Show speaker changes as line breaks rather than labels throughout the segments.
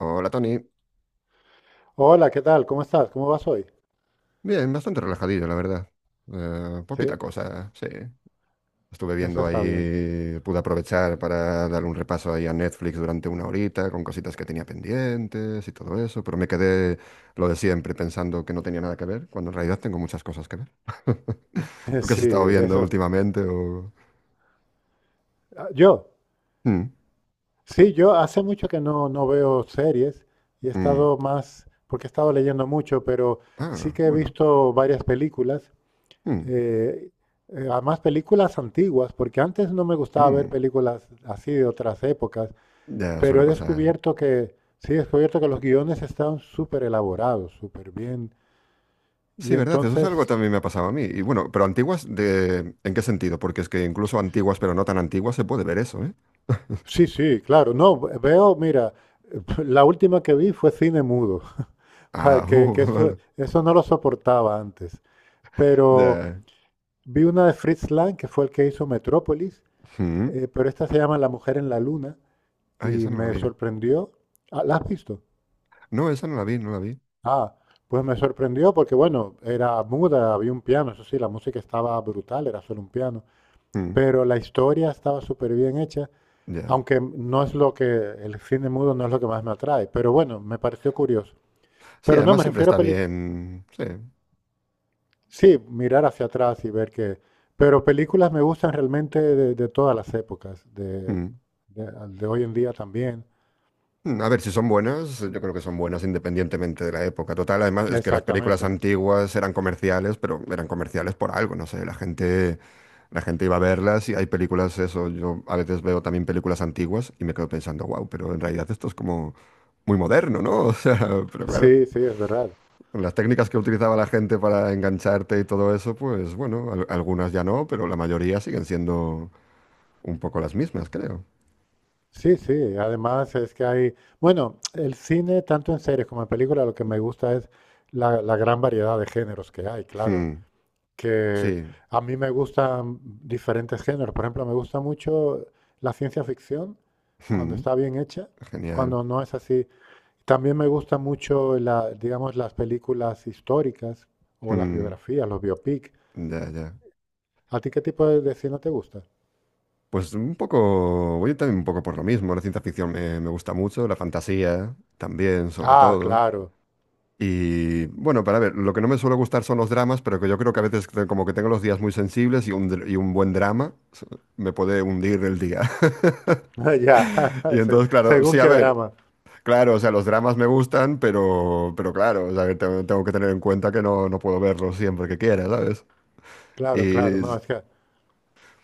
Hola Tony,
Hola, ¿qué tal? ¿Cómo estás? ¿Cómo vas hoy?
bien, bastante relajadillo la verdad. Poquita
Sí,
cosa, sí. Estuve
eso
viendo
está bien.
ahí, pude aprovechar para dar un repaso ahí a Netflix durante una horita con cositas que tenía pendientes y todo eso, pero me quedé lo de siempre pensando que no tenía nada que ver, cuando en realidad tengo muchas cosas que ver. ¿Tú qué has
Sí,
estado viendo
eso.
últimamente? O...
Ah, Yo,
Mm,
sí, yo hace mucho que no veo series y he
mm.
estado más, porque he estado leyendo mucho, pero sí
Ah,
que he
bueno.
visto varias películas,
Mm,
eh, además películas antiguas, porque antes no me gustaba ver
mm.
películas así de otras épocas,
Ya suele
pero he
pasar.
descubierto que, los guiones están súper elaborados, súper bien,
Sí,
y
verdad, eso es algo que
entonces.
también me ha pasado a mí. Y bueno, pero antiguas, de... ¿en qué sentido? Porque es que incluso antiguas, pero no tan antiguas, se puede ver eso, ¿eh?
Sí, sí, claro. No, veo, mira, la última que vi fue cine mudo. Para
Ah,
que, que eso,
vale.
eso no lo soportaba antes. Pero
Ya.
vi una de Fritz Lang, que fue el que hizo Metrópolis,
Mm.
pero esta se llama La Mujer en la Luna
Ay,
y
esa no la
me
vi.
sorprendió. Ah, ¿la has visto?
No, esa no la vi, no la vi.
Ah, pues me sorprendió porque, bueno, era muda, había un piano, eso sí, la música estaba brutal, era solo un piano,
Mm,
pero la historia estaba súper bien hecha.
ya.
Aunque no es lo que, el cine mudo no es lo que más me atrae, pero bueno, me pareció curioso.
Sí,
Pero no,
además
me
siempre
refiero a
está
películas.
bien. Sí.
Sí, mirar hacia atrás y ver que... Pero películas me gustan realmente de todas las épocas, de,
Mm.
de, de hoy en día también.
Mm, a ver, si son buenas, yo creo que son buenas independientemente de la época. Total, además es que las películas
Exactamente.
antiguas eran comerciales, pero eran comerciales por algo, no sé, la gente iba a verlas y hay películas, eso, yo a veces veo también películas antiguas y me quedo pensando, wow, pero en realidad esto es como muy moderno, ¿no? O sea, pero claro,
Sí, sí, es verdad.
las técnicas que utilizaba la gente para engancharte y todo eso, pues bueno, algunas ya no, pero la mayoría siguen siendo un poco las mismas, creo.
Sí, sí, además es que hay, bueno, el cine, tanto en series como en películas, lo que me gusta es la gran variedad de géneros que hay, claro,
Mm,
que
sí.
a mí me gustan diferentes géneros. Por ejemplo, me gusta mucho la ciencia ficción cuando
Mm,
está bien hecha,
genial.
cuando no es así. También me gusta mucho la, digamos, las películas históricas o las
Mm.
biografías, los biopic.
Ya, ya.
¿A ti qué tipo de cine te gusta?
Pues un poco, voy también un poco por lo mismo. La ciencia ficción me, me gusta mucho, la fantasía también, sobre
Ah,
todo.
claro.
Y bueno, para ver, lo que no me suele gustar son los dramas, pero que yo creo que a veces como que tengo los días muy sensibles y y un buen drama me puede hundir el día.
Ya,
Y entonces, claro, sí,
según
a
qué
ver,
drama.
claro, o sea, los dramas me gustan, pero claro, o sea, que tengo, tengo que tener en cuenta que no, no puedo verlos siempre que quiera, ¿sabes?
Claro, claro.
Y,
No, es que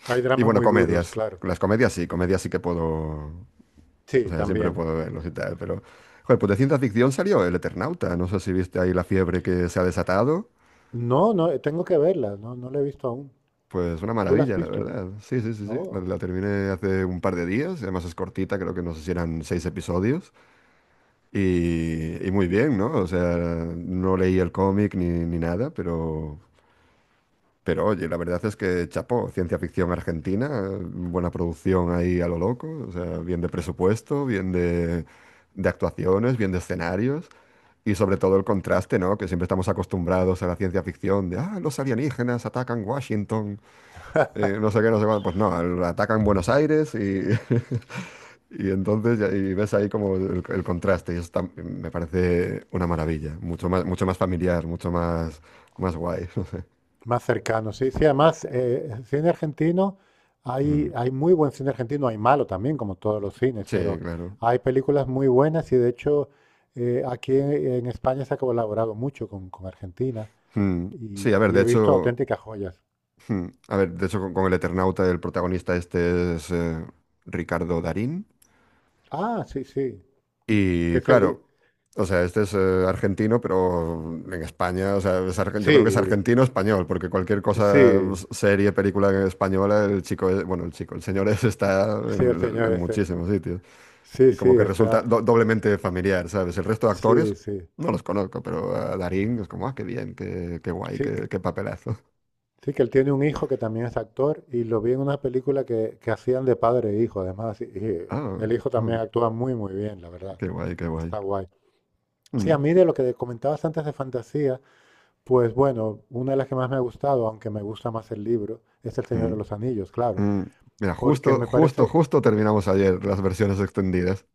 hay
y
dramas
bueno,
muy duros,
comedias.
claro.
Las comedias sí que puedo. O
Sí,
sea, siempre
también.
puedo verlos y tal, pero... Joder, pues de ciencia ficción salió El Eternauta. No sé si viste ahí la fiebre que se ha desatado.
No, no, tengo que verla. No, no la he visto aún.
Pues una
¿Tú la has
maravilla, la
visto?
verdad. Sí, sí, sí, sí. La,
No.
la terminé hace un par de días. Y además es cortita, creo que no sé si eran seis episodios. Y muy bien, ¿no? O sea, no leí el cómic ni nada, pero... Pero oye, la verdad es que chapó, ciencia ficción argentina, buena producción ahí a lo loco, o sea, bien de presupuesto, bien de actuaciones, bien de escenarios y sobre todo el contraste, ¿no? Que siempre estamos acostumbrados a la ciencia ficción de, ah, los alienígenas atacan Washington, no sé qué, no sé cuál. Pues no, atacan Buenos Aires y, y entonces y ves ahí como el contraste y eso me parece una maravilla, mucho más familiar, mucho más, más guay.
Más cercano, sí. Sí, además, cine argentino, hay,
Ujú.
hay muy buen cine argentino, hay malo también, como todos los cines,
Sí,
pero
claro.
hay películas muy buenas y de hecho, aquí en España se ha colaborado mucho con Argentina
Mm,
y,
sí, a ver,
y
de
he visto
hecho,
auténticas joyas.
a ver, de hecho con, el Eternauta el protagonista este es Ricardo Darín
Ah, sí, sí. Que
y
es el...
claro, o sea, este es argentino, pero en España, o sea, es yo creo que es
Sí,
argentino español, porque cualquier
sí,
cosa, serie, película española, el chico, bueno, el chico, el señor está
sí, el
en,
señor
en
ese.
muchísimos sitios
Sí,
y
sí,
como que resulta
está.
doblemente familiar, ¿sabes? El resto de
Sí,
actores
sí.
no los conozco, pero a Darín es como, ah, qué bien, qué guay,
Sí,
qué papelazo.
Sí, que él tiene un hijo que también es actor y lo vi en una película que hacían de padre e hijo, además, y
Ah,
el hijo también
ok.
actúa muy, muy bien, la verdad.
Qué guay, qué guay.
Está guay. Sí, a
Mm,
mí de lo que comentabas antes de fantasía, pues bueno, una de las que más me ha gustado, aunque me gusta más el libro, es El Señor
mm,
de los Anillos, claro,
mm. Mira,
porque
justo,
me
justo,
parece...
justo terminamos ayer las versiones extendidas.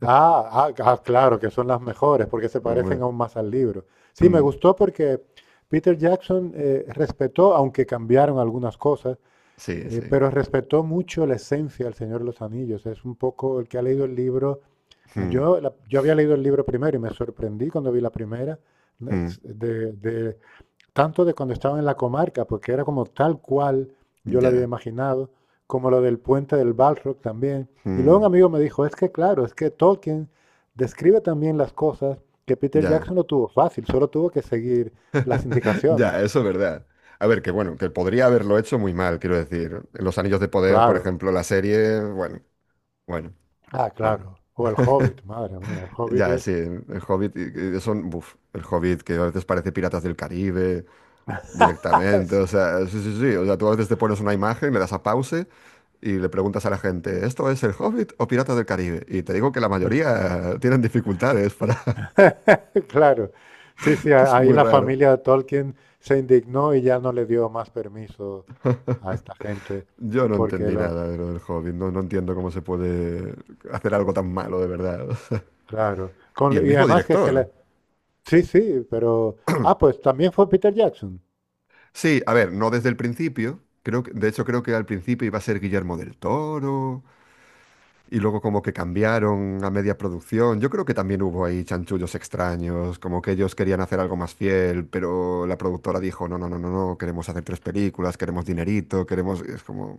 Ah, ah, ah, claro, que son las mejores, porque se parecen
Hombre.
aún más al libro. Sí, me
Mm,
gustó porque Peter Jackson, respetó, aunque cambiaron algunas cosas.
sí, sí.
Pero respetó mucho la esencia del Señor de los Anillos. Es un poco el que ha leído el libro. ah,
Mm,
Yo, la- yo había leído el libro primero y me sorprendí cuando vi la primera, de,
mm,
de- de- tanto de cuando estaba en la comarca, porque era como tal cual yo lo había
ya.
imaginado, como lo del puente del Balrog también. Y luego un
Mm,
amigo me dijo, es que claro, es que Tolkien describe también las cosas que Peter
ya.
Jackson no tuvo fácil, solo tuvo que seguir las indicaciones.
Ya, eso es verdad. A ver, que bueno, que podría haberlo hecho muy mal, quiero decir. Los Anillos de Poder, por
Claro,
ejemplo, la serie, bueno, bueno,
ah,
bueno.
claro. O el Hobbit, madre mía, el Hobbit
Ya,
es...
sí, el Hobbit, y son, buf, el Hobbit que a veces parece Piratas del Caribe directamente,
Es-
o sea, sí, sí, sí, o sea, tú a veces te pones una imagen, le das a pause y le preguntas a la gente, ¿esto es el Hobbit o Piratas del Caribe? Y te digo que la mayoría tienen dificultades para,
Claro, sí, sí,
que es
ahí
muy
la
raro.
familia de Tolkien se indignó y ya no le dio más permiso a esta gente,
Yo no
porque
entendí
lo,
nada de lo del Hobbit, no, no entiendo cómo se puede hacer algo tan malo de verdad.
claro,
Y el
con- y
mismo
además que,
director.
sí, sí, pero, ah, pues también fue Peter Jackson.
Sí, a ver, no desde el principio. Creo que, de hecho, creo que al principio iba a ser Guillermo del Toro. Y luego como que cambiaron a media producción. Yo creo que también hubo ahí chanchullos extraños, como que ellos querían hacer algo más fiel, pero la productora dijo, no, no, no, no, no, queremos hacer tres películas, queremos dinerito, queremos... Es como...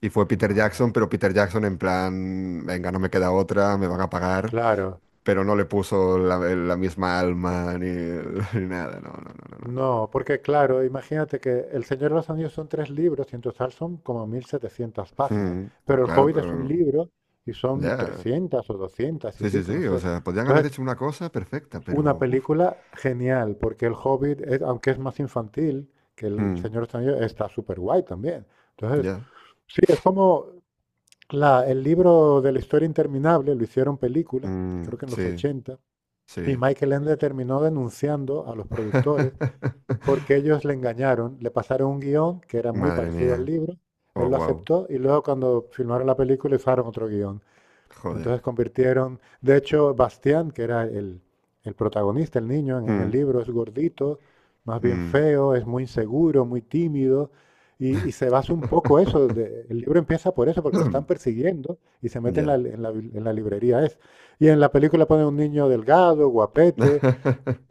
Y fue Peter Jackson,
Madre.
pero Peter Jackson en plan, venga, no me queda otra, me van a pagar,
Claro,
pero no le puso la misma alma ni, ni nada, no, no, no, no.
no, porque claro, imagínate que El Señor de los Anillos son 3 libros y en total son como mil setecientas
No.
páginas,
Mm,
pero El
claro,
Hobbit es un
pero
libro y son
ya.
300 o 200 y
Sí, sí,
pico, no
sí, o
sé.
sea, podrían haber
Entonces,
hecho una cosa perfecta,
una
pero... uf,
película genial, porque El Hobbit, aunque es más infantil que El
mm,
Señor de los Anillos, está súper guay también. Entonces,
ya.
sí, es como la- el libro de La Historia Interminable, lo hicieron película,
Mm,
creo que en los
sí,
ochenta, y
sí.
Michael Ende terminó denunciando a los productores porque ellos le engañaron, le pasaron un guión que era muy
Madre
parecido al
mía.
libro,
Oh,
él lo
wow.
aceptó y luego cuando filmaron la película usaron otro guión.
Joder.
Entonces convirtieron, de hecho, Bastián, que era el protagonista, el niño en el
Mm,
libro, es gordito, más bien
mm.
feo, es muy inseguro, muy tímido, y se basa un poco eso, de- el libro empieza por eso, porque lo están persiguiendo y se mete en la,
Ya.
en la librería. Es. Y en la película ponen un niño delgado, guapete,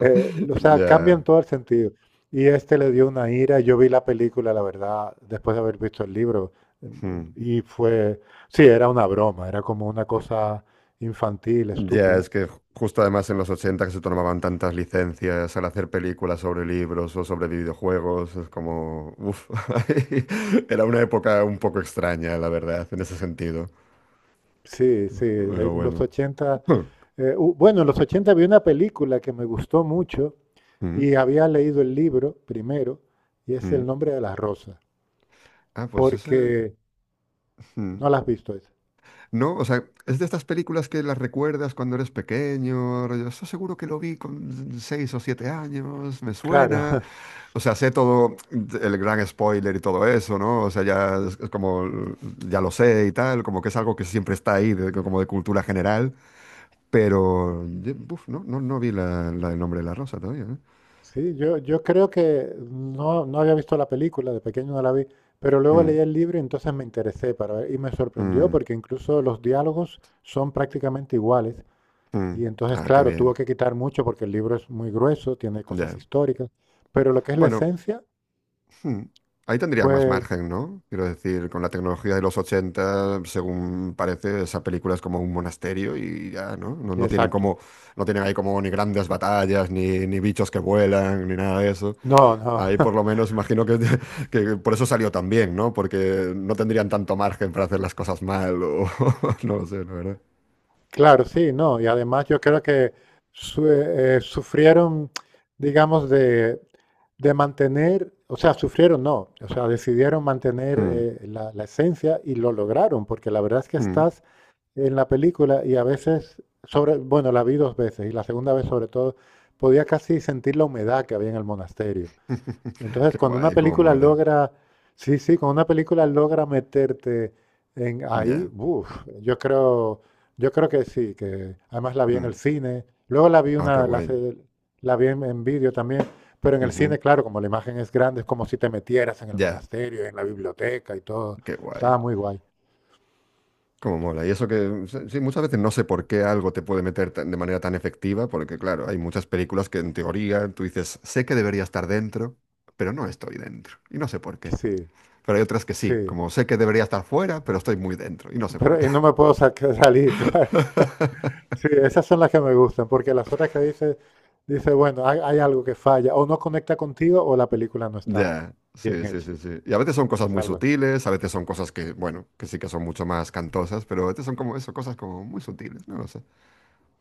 o sea,
Ya.
cambian todo el sentido. Y este le dio una ira. Yo vi la película, la verdad, después de haber visto el libro. eh,
Mm.
Y fue, sí, era una broma, era como una cosa infantil,
Ya,
estúpida.
es que justo además en los ochenta que se tomaban tantas licencias al hacer películas sobre libros o sobre videojuegos, es como... Uf. Era una época un poco extraña, la verdad, en ese sentido.
Sí, sí,
Pero
en los
bueno.
80, bueno, en los 80 vi una película que me gustó mucho
Mm,
y había leído el libro primero, y es El
mm.
Nombre de las Rosas,
Ah, pues ese...
porque
Mm.
no la has visto esa.
¿No? O sea, es de estas películas que las recuerdas cuando eres pequeño. Yo estoy seguro que lo vi con 6 o 7 años, me
Claro,
suena. O sea, sé todo el gran spoiler y todo eso, ¿no? O sea, ya es como, ya lo sé y tal, como que es algo que siempre está ahí, como de cultura general. Pero, buf, no, no, no vi la, del Nombre de la Rosa todavía, ¿eh?
sí, yo creo que no, no había visto la película, de pequeño no la vi, pero luego
Mm,
leí el libro y entonces me interesé para ver, y me sorprendió
mm,
porque incluso los diálogos son prácticamente iguales.
mm.
Y entonces,
Ah, qué
claro, tuvo
bien.
que quitar mucho porque el libro es muy grueso, tiene cosas
Ya.
históricas, pero lo que es la
Bueno.
esencia
Hmm. Ahí tendrían más
fue
margen, ¿no? Quiero decir, con la tecnología de los 80, según parece, esa película es como un monasterio y ya, ¿no? No, no tienen
exacto.
como, no tienen ahí como ni grandes batallas, ni bichos que vuelan, ni nada de eso.
No, no.
Ahí por lo menos imagino que, que por eso salió tan bien, ¿no? Porque no tendrían tanto margen para hacer las cosas mal o no lo sé, la verdad.
Claro, sí, no. Y además yo creo que sufrieron, digamos, de mantener, o sea, sufrieron no, o sea, decidieron mantener,
Hmm,
la esencia, y lo lograron, porque la verdad es que
hmm.
estás en la película y a veces, sobre, bueno, la vi 2 veces y la segunda vez sobre todo, podía casi sentir la humedad que había en el monasterio. Entonces,
Qué
cuando una
guay, cómo
película
mola.
logra, sí, sí, cuando una película logra meterte en ahí,
Ya.
uf, yo creo, que sí, que además la vi en el
Mm.
cine, luego la vi
Ah, qué
una, la,
guay.
la vi en vídeo también, pero en el
Ujú.
cine, claro, como la imagen es grande, es como si te metieras en el
Ya,
monasterio, en la biblioteca y todo.
qué guay.
Estaba muy guay.
Como mola. Y eso que, sí, muchas veces no sé por qué algo te puede meter de manera tan efectiva, porque claro, hay muchas películas que en teoría tú dices, sé que debería estar dentro, pero no estoy dentro. Y no sé por qué.
Sí,
Pero hay otras que sí,
sí.
como sé que debería estar fuera, pero estoy muy dentro. Y no sé por
Pero
qué.
y no me puedo salir, claro. Sí, esas son las que me gustan, porque las otras que dice, dice, bueno, hay algo que falla, o no conecta contigo, o la película no está
Ya,
bien
sí, sí,
hecha.
sí, sí. Y a veces son cosas
Es
muy
algo.
sutiles, a veces son cosas que, bueno, que sí que son mucho más cantosas, pero a veces son como eso, cosas como muy sutiles, no lo sé.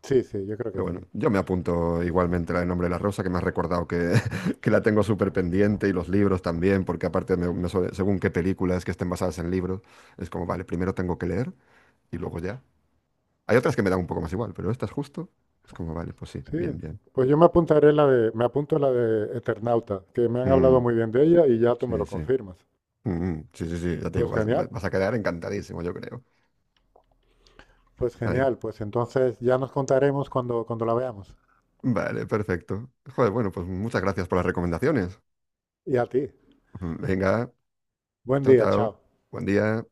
Sí, sí, yo creo
Pero
que
bueno,
sí.
yo me apunto igualmente la de Nombre de la Rosa, que me has recordado que, que la tengo súper pendiente y los libros también, porque aparte, según qué películas que estén basadas en libros, es como, vale, primero tengo que leer y luego ya. Hay otras que me dan un poco más igual, pero estas justo. Es como, vale, pues sí,
Sí,
bien, bien.
pues yo me apuntaré la de, me apunto la de Eternauta, que me han hablado
Mm,
muy bien de ella y ya tú me
sí,
lo
sí.
confirmas.
Mm, mm, sí, sí, sí, ya te digo,
Pues
vas,
genial,
vas a quedar encantadísimo, yo creo. Ahí.
pues entonces ya nos contaremos cuando la veamos.
Vale, perfecto. Joder, bueno, pues muchas gracias por las recomendaciones.
Y a ti,
Venga,
buen
chao,
día,
chao.
chao.
Buen día.